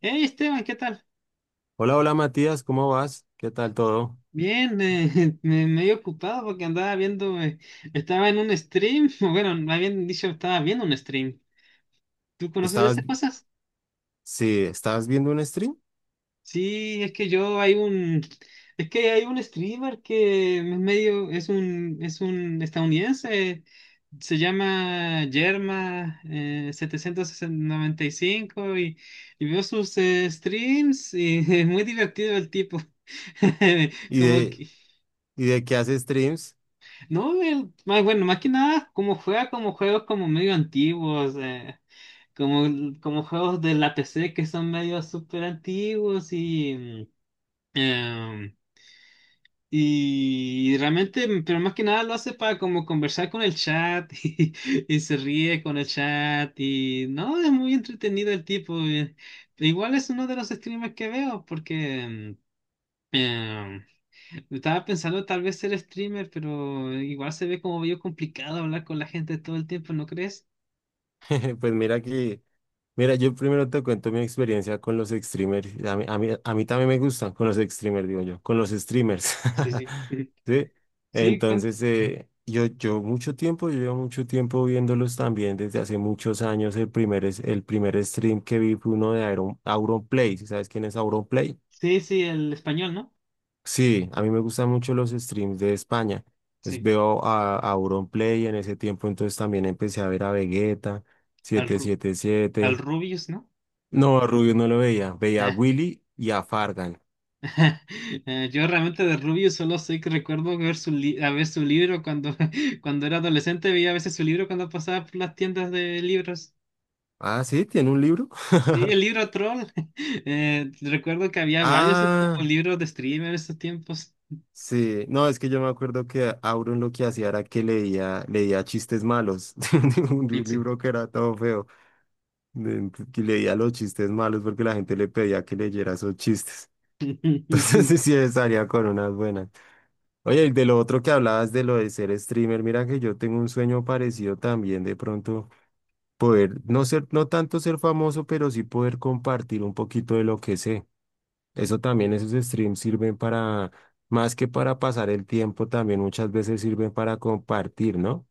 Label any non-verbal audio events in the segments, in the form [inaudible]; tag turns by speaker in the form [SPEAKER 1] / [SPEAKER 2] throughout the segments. [SPEAKER 1] Hey Esteban, ¿qué tal?
[SPEAKER 2] Hola, hola Matías, ¿cómo vas? ¿Qué tal todo?
[SPEAKER 1] Bien, [laughs] medio ocupado porque andaba viendo, estaba en un stream, [laughs] o bueno, más bien dicho, estaba viendo un stream. ¿Tú conoces de
[SPEAKER 2] ¿Estabas,
[SPEAKER 1] esas cosas?
[SPEAKER 2] sí, ¿estabas viendo un stream?
[SPEAKER 1] Sí, es que hay un streamer que es medio, es un estadounidense, se llama Yerma 795 y, cinco y veo sus streams y [laughs] es muy divertido el tipo. [laughs]
[SPEAKER 2] ¿Y
[SPEAKER 1] Como
[SPEAKER 2] de,
[SPEAKER 1] que
[SPEAKER 2] y de qué haces streams?
[SPEAKER 1] no, más, bueno, más que nada, como juega como juegos como medio antiguos, como, como juegos de la PC que son medio súper antiguos eh, y realmente, pero más que nada lo hace para como conversar con el chat [laughs] y se ríe con el chat y no, es muy entretenido el tipo. Igual es uno de los streamers que veo porque... eh, estaba pensando tal vez ser streamer, pero igual se ve como medio complicado hablar con la gente todo el tiempo, ¿no crees?
[SPEAKER 2] [laughs] Pues mira, yo primero te cuento mi experiencia con los streamers. A mí también me gustan con los streamers, digo yo, con los streamers.
[SPEAKER 1] Sí, sí. [laughs]
[SPEAKER 2] [laughs] ¿Sí?
[SPEAKER 1] Sí, cuenta.
[SPEAKER 2] Entonces, yo llevo mucho tiempo viéndolos también desde hace muchos años. El primer stream que vi fue uno de Auron, Auronplay. ¿Sí? ¿Sabes quién es Auronplay?
[SPEAKER 1] Sí, sí, el español, ¿no?
[SPEAKER 2] Sí, a mí me gustan mucho los streams de España.
[SPEAKER 1] Sí.
[SPEAKER 2] Veo a Auronplay en ese tiempo, entonces también empecé a ver a Vegeta
[SPEAKER 1] Al,
[SPEAKER 2] siete, siete,
[SPEAKER 1] Al
[SPEAKER 2] siete.
[SPEAKER 1] Rubius, ¿no?
[SPEAKER 2] No, a Rubio no lo veía. Veía a
[SPEAKER 1] Ah,
[SPEAKER 2] Willy y a Fargan.
[SPEAKER 1] [laughs] yo realmente de Rubius solo sé que recuerdo ver su, a ver su libro cuando, [laughs] cuando era adolescente, veía a veces su libro cuando pasaba por las tiendas de libros.
[SPEAKER 2] Ah, sí, tiene un libro.
[SPEAKER 1] Sí, el
[SPEAKER 2] [laughs]
[SPEAKER 1] libro troll. [laughs] Recuerdo que había varios como
[SPEAKER 2] Ah,
[SPEAKER 1] libros de streamer en esos tiempos.
[SPEAKER 2] sí. No, es que yo me acuerdo que Auron lo que hacía era que leía chistes malos [laughs] de un
[SPEAKER 1] Sí.
[SPEAKER 2] libro que era todo feo. Que leía los chistes malos porque la gente le pedía que leyera esos chistes. [laughs] Entonces
[SPEAKER 1] [laughs]
[SPEAKER 2] sí, sí, salía con unas buenas. Oye, y de lo otro que hablabas de lo de ser streamer, mira que yo tengo un sueño parecido también de pronto poder no ser, no tanto ser famoso, pero sí poder compartir un poquito de lo que sé. Eso también, esos streams sirven para, más que para pasar el tiempo, también muchas veces sirven para compartir, ¿no?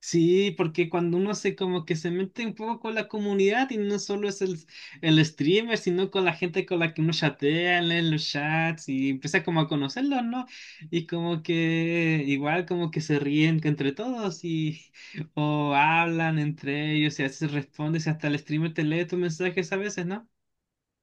[SPEAKER 1] Sí, porque cuando uno se como que se mete un poco con la comunidad y no solo es el streamer, sino con la gente con la que uno chatea, lee los chats y empieza como a conocerlos, ¿no? Y como que igual como que se ríen que entre todos y [laughs] o hablan entre ellos y a veces respondes y hasta el streamer te lee tus mensajes a veces, ¿no?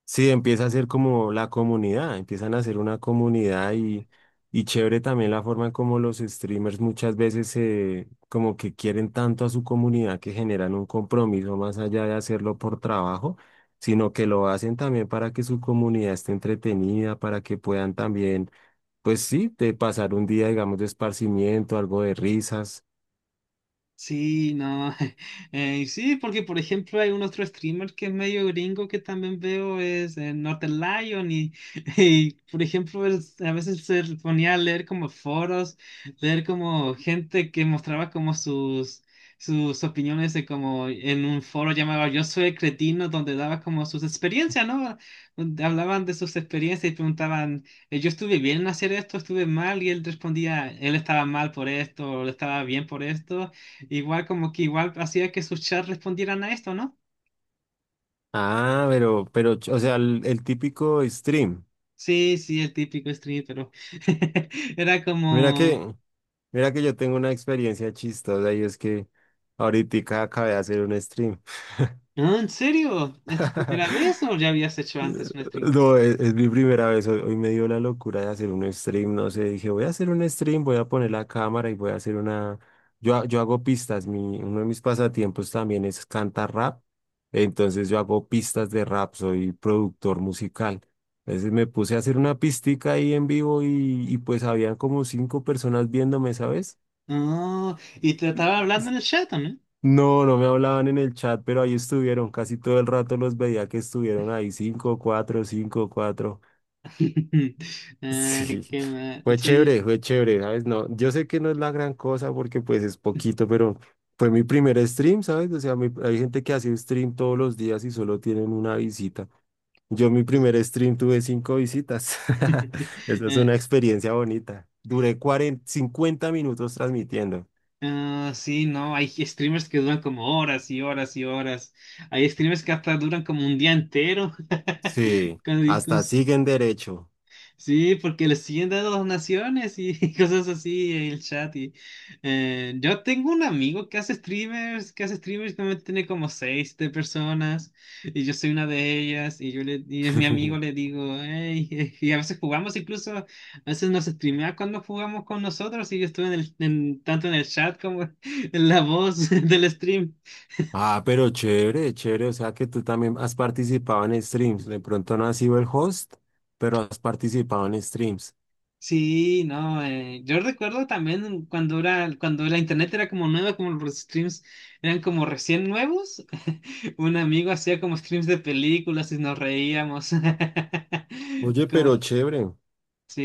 [SPEAKER 2] Sí, empieza a ser como la comunidad, empiezan a ser una comunidad y chévere también la forma en cómo los streamers muchas veces se, como que quieren tanto a su comunidad que generan un compromiso más allá de hacerlo por trabajo, sino que lo hacen también para que su comunidad esté entretenida, para que puedan también, pues sí, de pasar un día, digamos, de esparcimiento, algo de risas.
[SPEAKER 1] Sí, no. [laughs] Sí, porque por ejemplo hay un otro streamer que es medio gringo que también veo, es Northern Lion y, [laughs] y, por ejemplo él a veces se ponía a leer como foros, leer como gente que mostraba como sus, sus opiniones de como en un foro llamado Yo soy el cretino donde daba como sus experiencias, ¿no? Donde hablaban de sus experiencias y preguntaban, yo estuve bien en hacer esto, estuve mal y él respondía, él estaba mal por esto, o él estaba bien por esto. Igual como que igual hacía que sus chats respondieran a esto, ¿no?
[SPEAKER 2] Ah, pero, o sea, el típico stream.
[SPEAKER 1] Sí, sí, el típico stream, pero [laughs] era
[SPEAKER 2] Mira
[SPEAKER 1] como,
[SPEAKER 2] que, mira que yo tengo una experiencia chistosa y es que ahorita acabé de hacer un stream.
[SPEAKER 1] "Ah, ¿en serio? ¿Es tu primera
[SPEAKER 2] [laughs]
[SPEAKER 1] vez o ya habías hecho antes un stream?
[SPEAKER 2] No, es mi primera vez. Hoy me dio la locura de hacer un stream. No sé, dije, voy a hacer un stream, voy a poner la cámara y voy a hacer una. Yo hago pistas. Uno de mis pasatiempos también es cantar rap. Entonces yo hago pistas de rap, soy productor musical. Entonces me puse a hacer una pistica ahí en vivo y pues habían como cinco personas viéndome, ¿sabes?
[SPEAKER 1] Oh, y te estaba hablando en el chat, ¿no?
[SPEAKER 2] No, no me hablaban en el chat, pero ahí estuvieron. Casi todo el rato los veía que estuvieron ahí. Cinco, cuatro, cinco, cuatro. [laughs]
[SPEAKER 1] [laughs] Ay,
[SPEAKER 2] Sí,
[SPEAKER 1] qué mal. Sí.
[SPEAKER 2] fue chévere, ¿sabes? No, yo sé que no es la gran cosa porque pues es poquito, pero fue mi primer stream, ¿sabes? O sea, hay gente que hace stream todos los días y solo tienen una visita. Yo mi
[SPEAKER 1] es-
[SPEAKER 2] primer stream tuve cinco visitas. [laughs]
[SPEAKER 1] [laughs]
[SPEAKER 2] Esa es
[SPEAKER 1] eh,
[SPEAKER 2] una experiencia bonita. Duré 40, 50 minutos transmitiendo.
[SPEAKER 1] ah, sí, no, hay streamers que duran como horas y horas y horas. Hay streamers que hasta duran como un día entero
[SPEAKER 2] Sí,
[SPEAKER 1] [laughs] con
[SPEAKER 2] hasta siguen derecho.
[SPEAKER 1] sí, porque le siguen dando donaciones y [laughs] cosas así en el chat. Y, yo tengo un amigo que hace streamers, que hace streamers que tiene como seis de personas y yo soy una de ellas y yo le, y es mi amigo,
[SPEAKER 2] [laughs]
[SPEAKER 1] le digo, "Ey", [laughs] y a veces jugamos incluso, a veces nos streamea cuando jugamos con nosotros y yo estuve en el, tanto en el chat como [laughs] en la voz [laughs] del stream.
[SPEAKER 2] Ah, pero chévere, chévere. O sea que tú también has participado en streams. De pronto no has sido el host, pero has participado en streams.
[SPEAKER 1] Sí, no, yo recuerdo también cuando era, cuando la internet era como nueva, como los streams eran como recién nuevos, [laughs] un amigo hacía como streams de películas y nos reíamos.
[SPEAKER 2] Oye,
[SPEAKER 1] [laughs] Como,
[SPEAKER 2] pero chévere,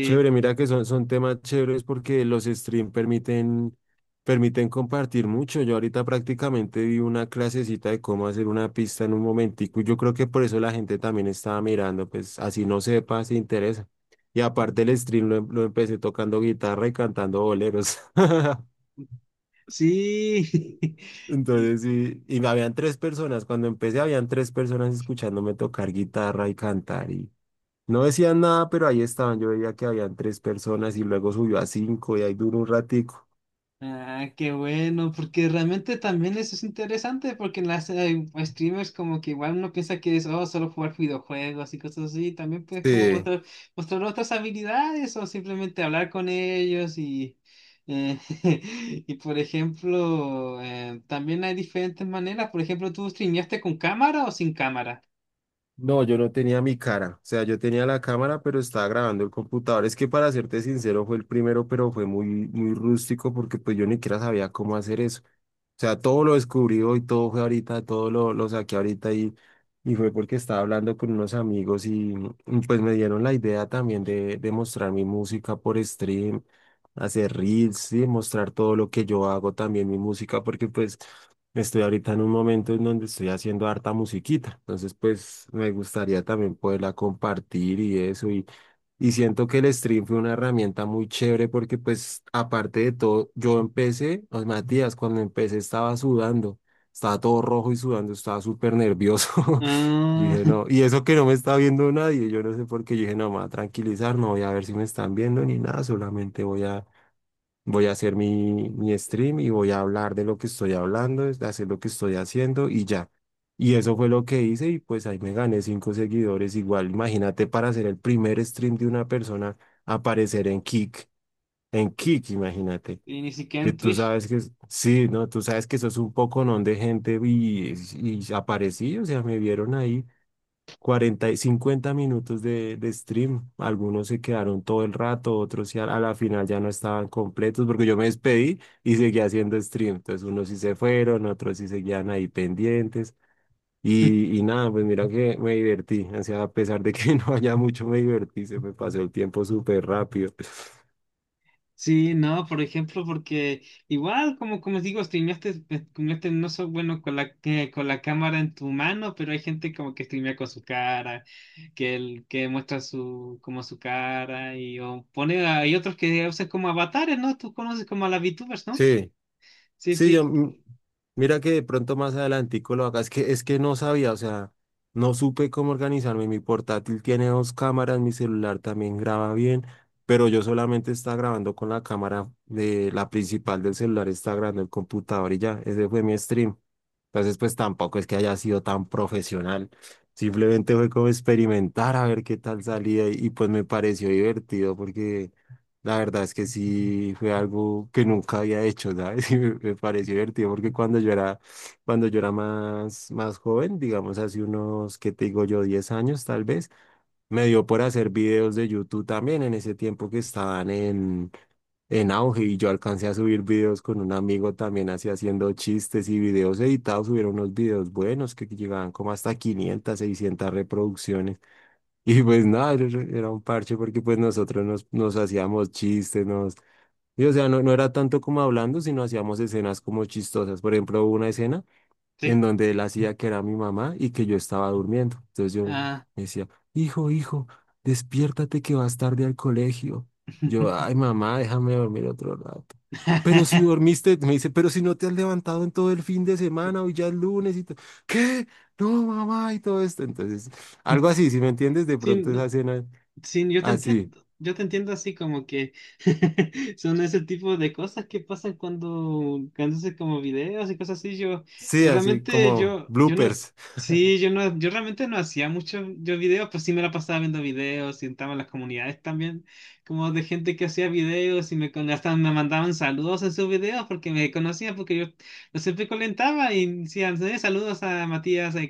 [SPEAKER 2] chévere. Mira que son temas chéveres porque los streams permiten compartir mucho. Yo ahorita prácticamente vi una clasecita de cómo hacer una pista en un momentico. Y yo creo que por eso la gente también estaba mirando, pues así no sepa, se interesa. Y aparte el stream lo empecé tocando guitarra y cantando boleros. [laughs]
[SPEAKER 1] sí. [laughs] Y,
[SPEAKER 2] Entonces, sí, y me habían tres personas. Cuando empecé, habían tres personas escuchándome tocar guitarra y cantar. Y no decían nada, pero ahí estaban. Yo veía que habían tres personas y luego subió a cinco y ahí duró un ratico.
[SPEAKER 1] ah, qué bueno, porque realmente también eso es interesante, porque en las streamers como que igual uno piensa que es oh, solo jugar videojuegos y cosas así, también puedes como
[SPEAKER 2] Sí.
[SPEAKER 1] mostrar, mostrar otras habilidades o simplemente hablar con ellos y, eh, [laughs] y por ejemplo, también hay diferentes maneras, por ejemplo, ¿tú streameaste con cámara o sin cámara?
[SPEAKER 2] No, yo no tenía mi cara. O sea, yo tenía la cámara, pero estaba grabando el computador. Es que para serte sincero, fue el primero, pero fue muy, muy rústico porque pues yo ni siquiera sabía cómo hacer eso. O sea, todo lo descubrió y todo fue ahorita, todo lo saqué ahorita y fue porque estaba hablando con unos amigos y pues me dieron la idea también de mostrar mi música por stream, hacer reels y mostrar todo lo que yo hago también mi música porque pues estoy ahorita en un momento en donde estoy haciendo harta musiquita. Entonces pues me gustaría también poderla compartir y eso y siento que el stream fue una herramienta muy chévere porque pues aparte de todo, yo empecé, oh, Matías, cuando empecé estaba sudando, estaba todo rojo y sudando, estaba súper nervioso. [laughs] Yo
[SPEAKER 1] Ah,
[SPEAKER 2] dije, no,
[SPEAKER 1] [laughs]
[SPEAKER 2] y eso que no me está viendo nadie, yo no sé por qué, yo dije, no, me voy a tranquilizar, no voy a ver si me están viendo ni nada, solamente voy a hacer mi stream y voy a hablar de lo que estoy hablando, de hacer lo que estoy haciendo y ya. Y eso fue lo que hice y pues ahí me gané cinco seguidores. Igual, imagínate para hacer el primer stream de una persona, aparecer en Kick, imagínate.
[SPEAKER 1] y ni siquiera
[SPEAKER 2] Que
[SPEAKER 1] en
[SPEAKER 2] tú
[SPEAKER 1] Twitch.
[SPEAKER 2] sabes que, sí, ¿no? Tú sabes que sos un poconón de gente y aparecí, o sea, me vieron ahí 40 y 50 minutos de stream. Algunos se quedaron todo el rato, otros ya a la final ya no estaban completos porque yo me despedí y seguía haciendo stream. Entonces unos sí se fueron, otros sí seguían ahí pendientes.
[SPEAKER 1] [laughs]
[SPEAKER 2] Y nada, pues mira que me divertí. O sea, a pesar de que [laughs] no haya mucho, me divertí. Se me pasó el tiempo súper rápido.
[SPEAKER 1] Sí, no, por ejemplo, porque igual, como, como digo, streameaste no so bueno con la, con la cámara en tu mano, pero hay gente como que streamea con su cara, que, que muestra su, como su cara, y o pone, hay otros que usan como avatares, ¿no? Tú conoces como a las VTubers, ¿no?
[SPEAKER 2] Sí.
[SPEAKER 1] Sí,
[SPEAKER 2] Sí,
[SPEAKER 1] sí,
[SPEAKER 2] mira que de pronto más adelantico lo haga, es que no sabía, o sea, no supe cómo organizarme, mi portátil tiene dos cámaras, mi celular también graba bien, pero yo solamente estaba grabando con la cámara de la principal del celular, estaba grabando el computador y ya, ese fue mi stream. Entonces, pues tampoco es que haya sido tan profesional. Simplemente fue como experimentar a ver qué tal salía y, pues me pareció divertido porque la verdad es que sí fue algo que nunca había hecho, ¿sabes? [laughs] Y me pareció divertido porque cuando yo era más joven, digamos hace unos, ¿qué te digo yo? 10 años tal vez, me dio por hacer videos de YouTube también en ese tiempo que estaban en auge y yo alcancé a subir videos con un amigo también así haciendo chistes y videos editados, subieron unos videos buenos que llegaban como hasta 500, 600 reproducciones [laughs] y pues nada, era un parche porque pues nosotros nos hacíamos chistes, nos... Y o sea, no, no era tanto como hablando, sino hacíamos escenas como chistosas. Por ejemplo, hubo una escena en
[SPEAKER 1] sí.
[SPEAKER 2] donde él hacía que era mi mamá y que yo estaba durmiendo. Entonces yo
[SPEAKER 1] Ah.
[SPEAKER 2] me decía, hijo, hijo, despiértate que vas tarde al colegio. Yo, ay, mamá, déjame dormir otro rato. Pero si
[SPEAKER 1] [laughs]
[SPEAKER 2] dormiste, me dice, pero si no te has levantado en todo el fin de semana, hoy ya es lunes y todo. ¿Qué? No, mamá, y todo esto. Entonces, algo así, si me entiendes, de
[SPEAKER 1] Sí,
[SPEAKER 2] pronto esa
[SPEAKER 1] no,
[SPEAKER 2] escena
[SPEAKER 1] sí,
[SPEAKER 2] así.
[SPEAKER 1] yo te entiendo así como que [laughs] son ese tipo de cosas que pasan cuando, cuando haces como videos y cosas así. Yo,
[SPEAKER 2] Sí,
[SPEAKER 1] yo
[SPEAKER 2] así
[SPEAKER 1] realmente,
[SPEAKER 2] como
[SPEAKER 1] yo no,
[SPEAKER 2] bloopers.
[SPEAKER 1] sí, yo no, yo realmente no hacía muchos yo videos, pues sí me la pasaba viendo videos y entraba en las comunidades también, como de gente que hacía videos y me, hasta me mandaban saludos en sus videos porque me conocían, porque yo los siempre comentaba y decían, saludos a Matías. [laughs] a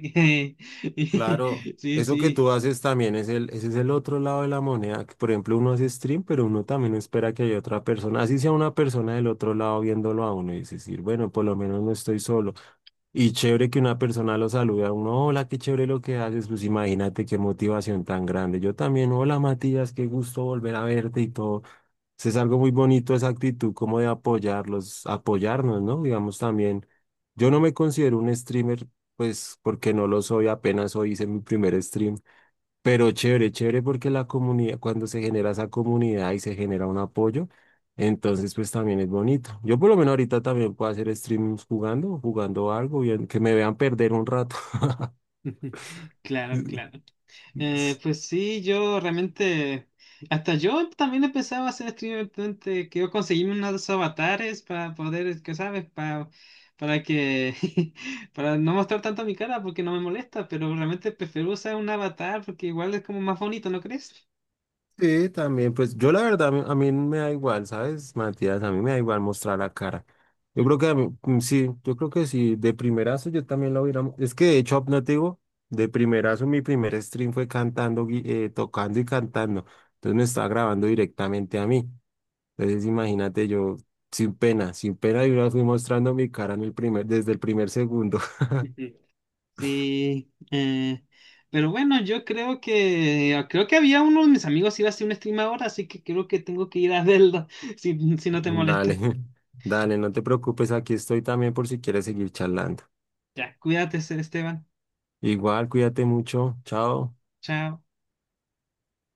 [SPEAKER 2] Claro,
[SPEAKER 1] sí,
[SPEAKER 2] eso que
[SPEAKER 1] sí.
[SPEAKER 2] tú haces también ese es el otro lado de la moneda, que por ejemplo uno hace stream, pero uno también espera que haya otra persona, así sea una persona del otro lado viéndolo a uno y decir, bueno, por lo menos no estoy solo. Y chévere que una persona lo salude a uno, hola, qué chévere lo que haces, pues imagínate qué motivación tan grande. Yo también, hola Matías, qué gusto volver a verte y todo. Sí, es algo muy bonito esa actitud como de apoyarlos, apoyarnos, ¿no? Digamos también, yo no me considero un streamer, pues porque no lo soy, apenas hoy hice mi primer stream, pero chévere, chévere porque la comunidad, cuando se genera esa comunidad y se genera un apoyo, entonces pues también es bonito. Yo por lo menos ahorita también puedo hacer streams jugando, jugando algo, bien, que me vean perder un rato.
[SPEAKER 1] [laughs] Claro, claro.
[SPEAKER 2] [laughs]
[SPEAKER 1] Pues sí, yo realmente, hasta yo también empezaba a hacer streamer, realmente, que yo conseguí unos avatares para poder, que sabes, para que, [laughs] para no mostrar tanto mi cara porque no me molesta, pero realmente prefiero usar un avatar porque igual es como más bonito, ¿no crees?
[SPEAKER 2] Sí, también, pues yo la verdad, a mí me da igual, ¿sabes, Matías? A mí me da igual mostrar la cara. Yo
[SPEAKER 1] Mm.
[SPEAKER 2] creo
[SPEAKER 1] [laughs]
[SPEAKER 2] que a mí, sí, yo creo que sí, de primerazo yo también lo hubiera. Es que de hecho, no te digo, de primerazo mi primer stream fue cantando, tocando y cantando. Entonces me estaba grabando directamente a mí. Entonces imagínate yo, sin pena, sin pena, yo ya fui mostrando mi cara desde el primer segundo. [laughs]
[SPEAKER 1] Ujú. Sí, pero bueno, yo creo que, ah, creo que había uno de mis amigos iba a hacer un stream ahora, así que creo que tengo que ir a verlo, [laughs] si no te
[SPEAKER 2] Dale,
[SPEAKER 1] molesta.
[SPEAKER 2] [laughs] dale, no te preocupes, aquí estoy también por si quieres seguir charlando.
[SPEAKER 1] Ya, cuídate, Esteban.
[SPEAKER 2] Igual, cuídate mucho. Chao.
[SPEAKER 1] Chao.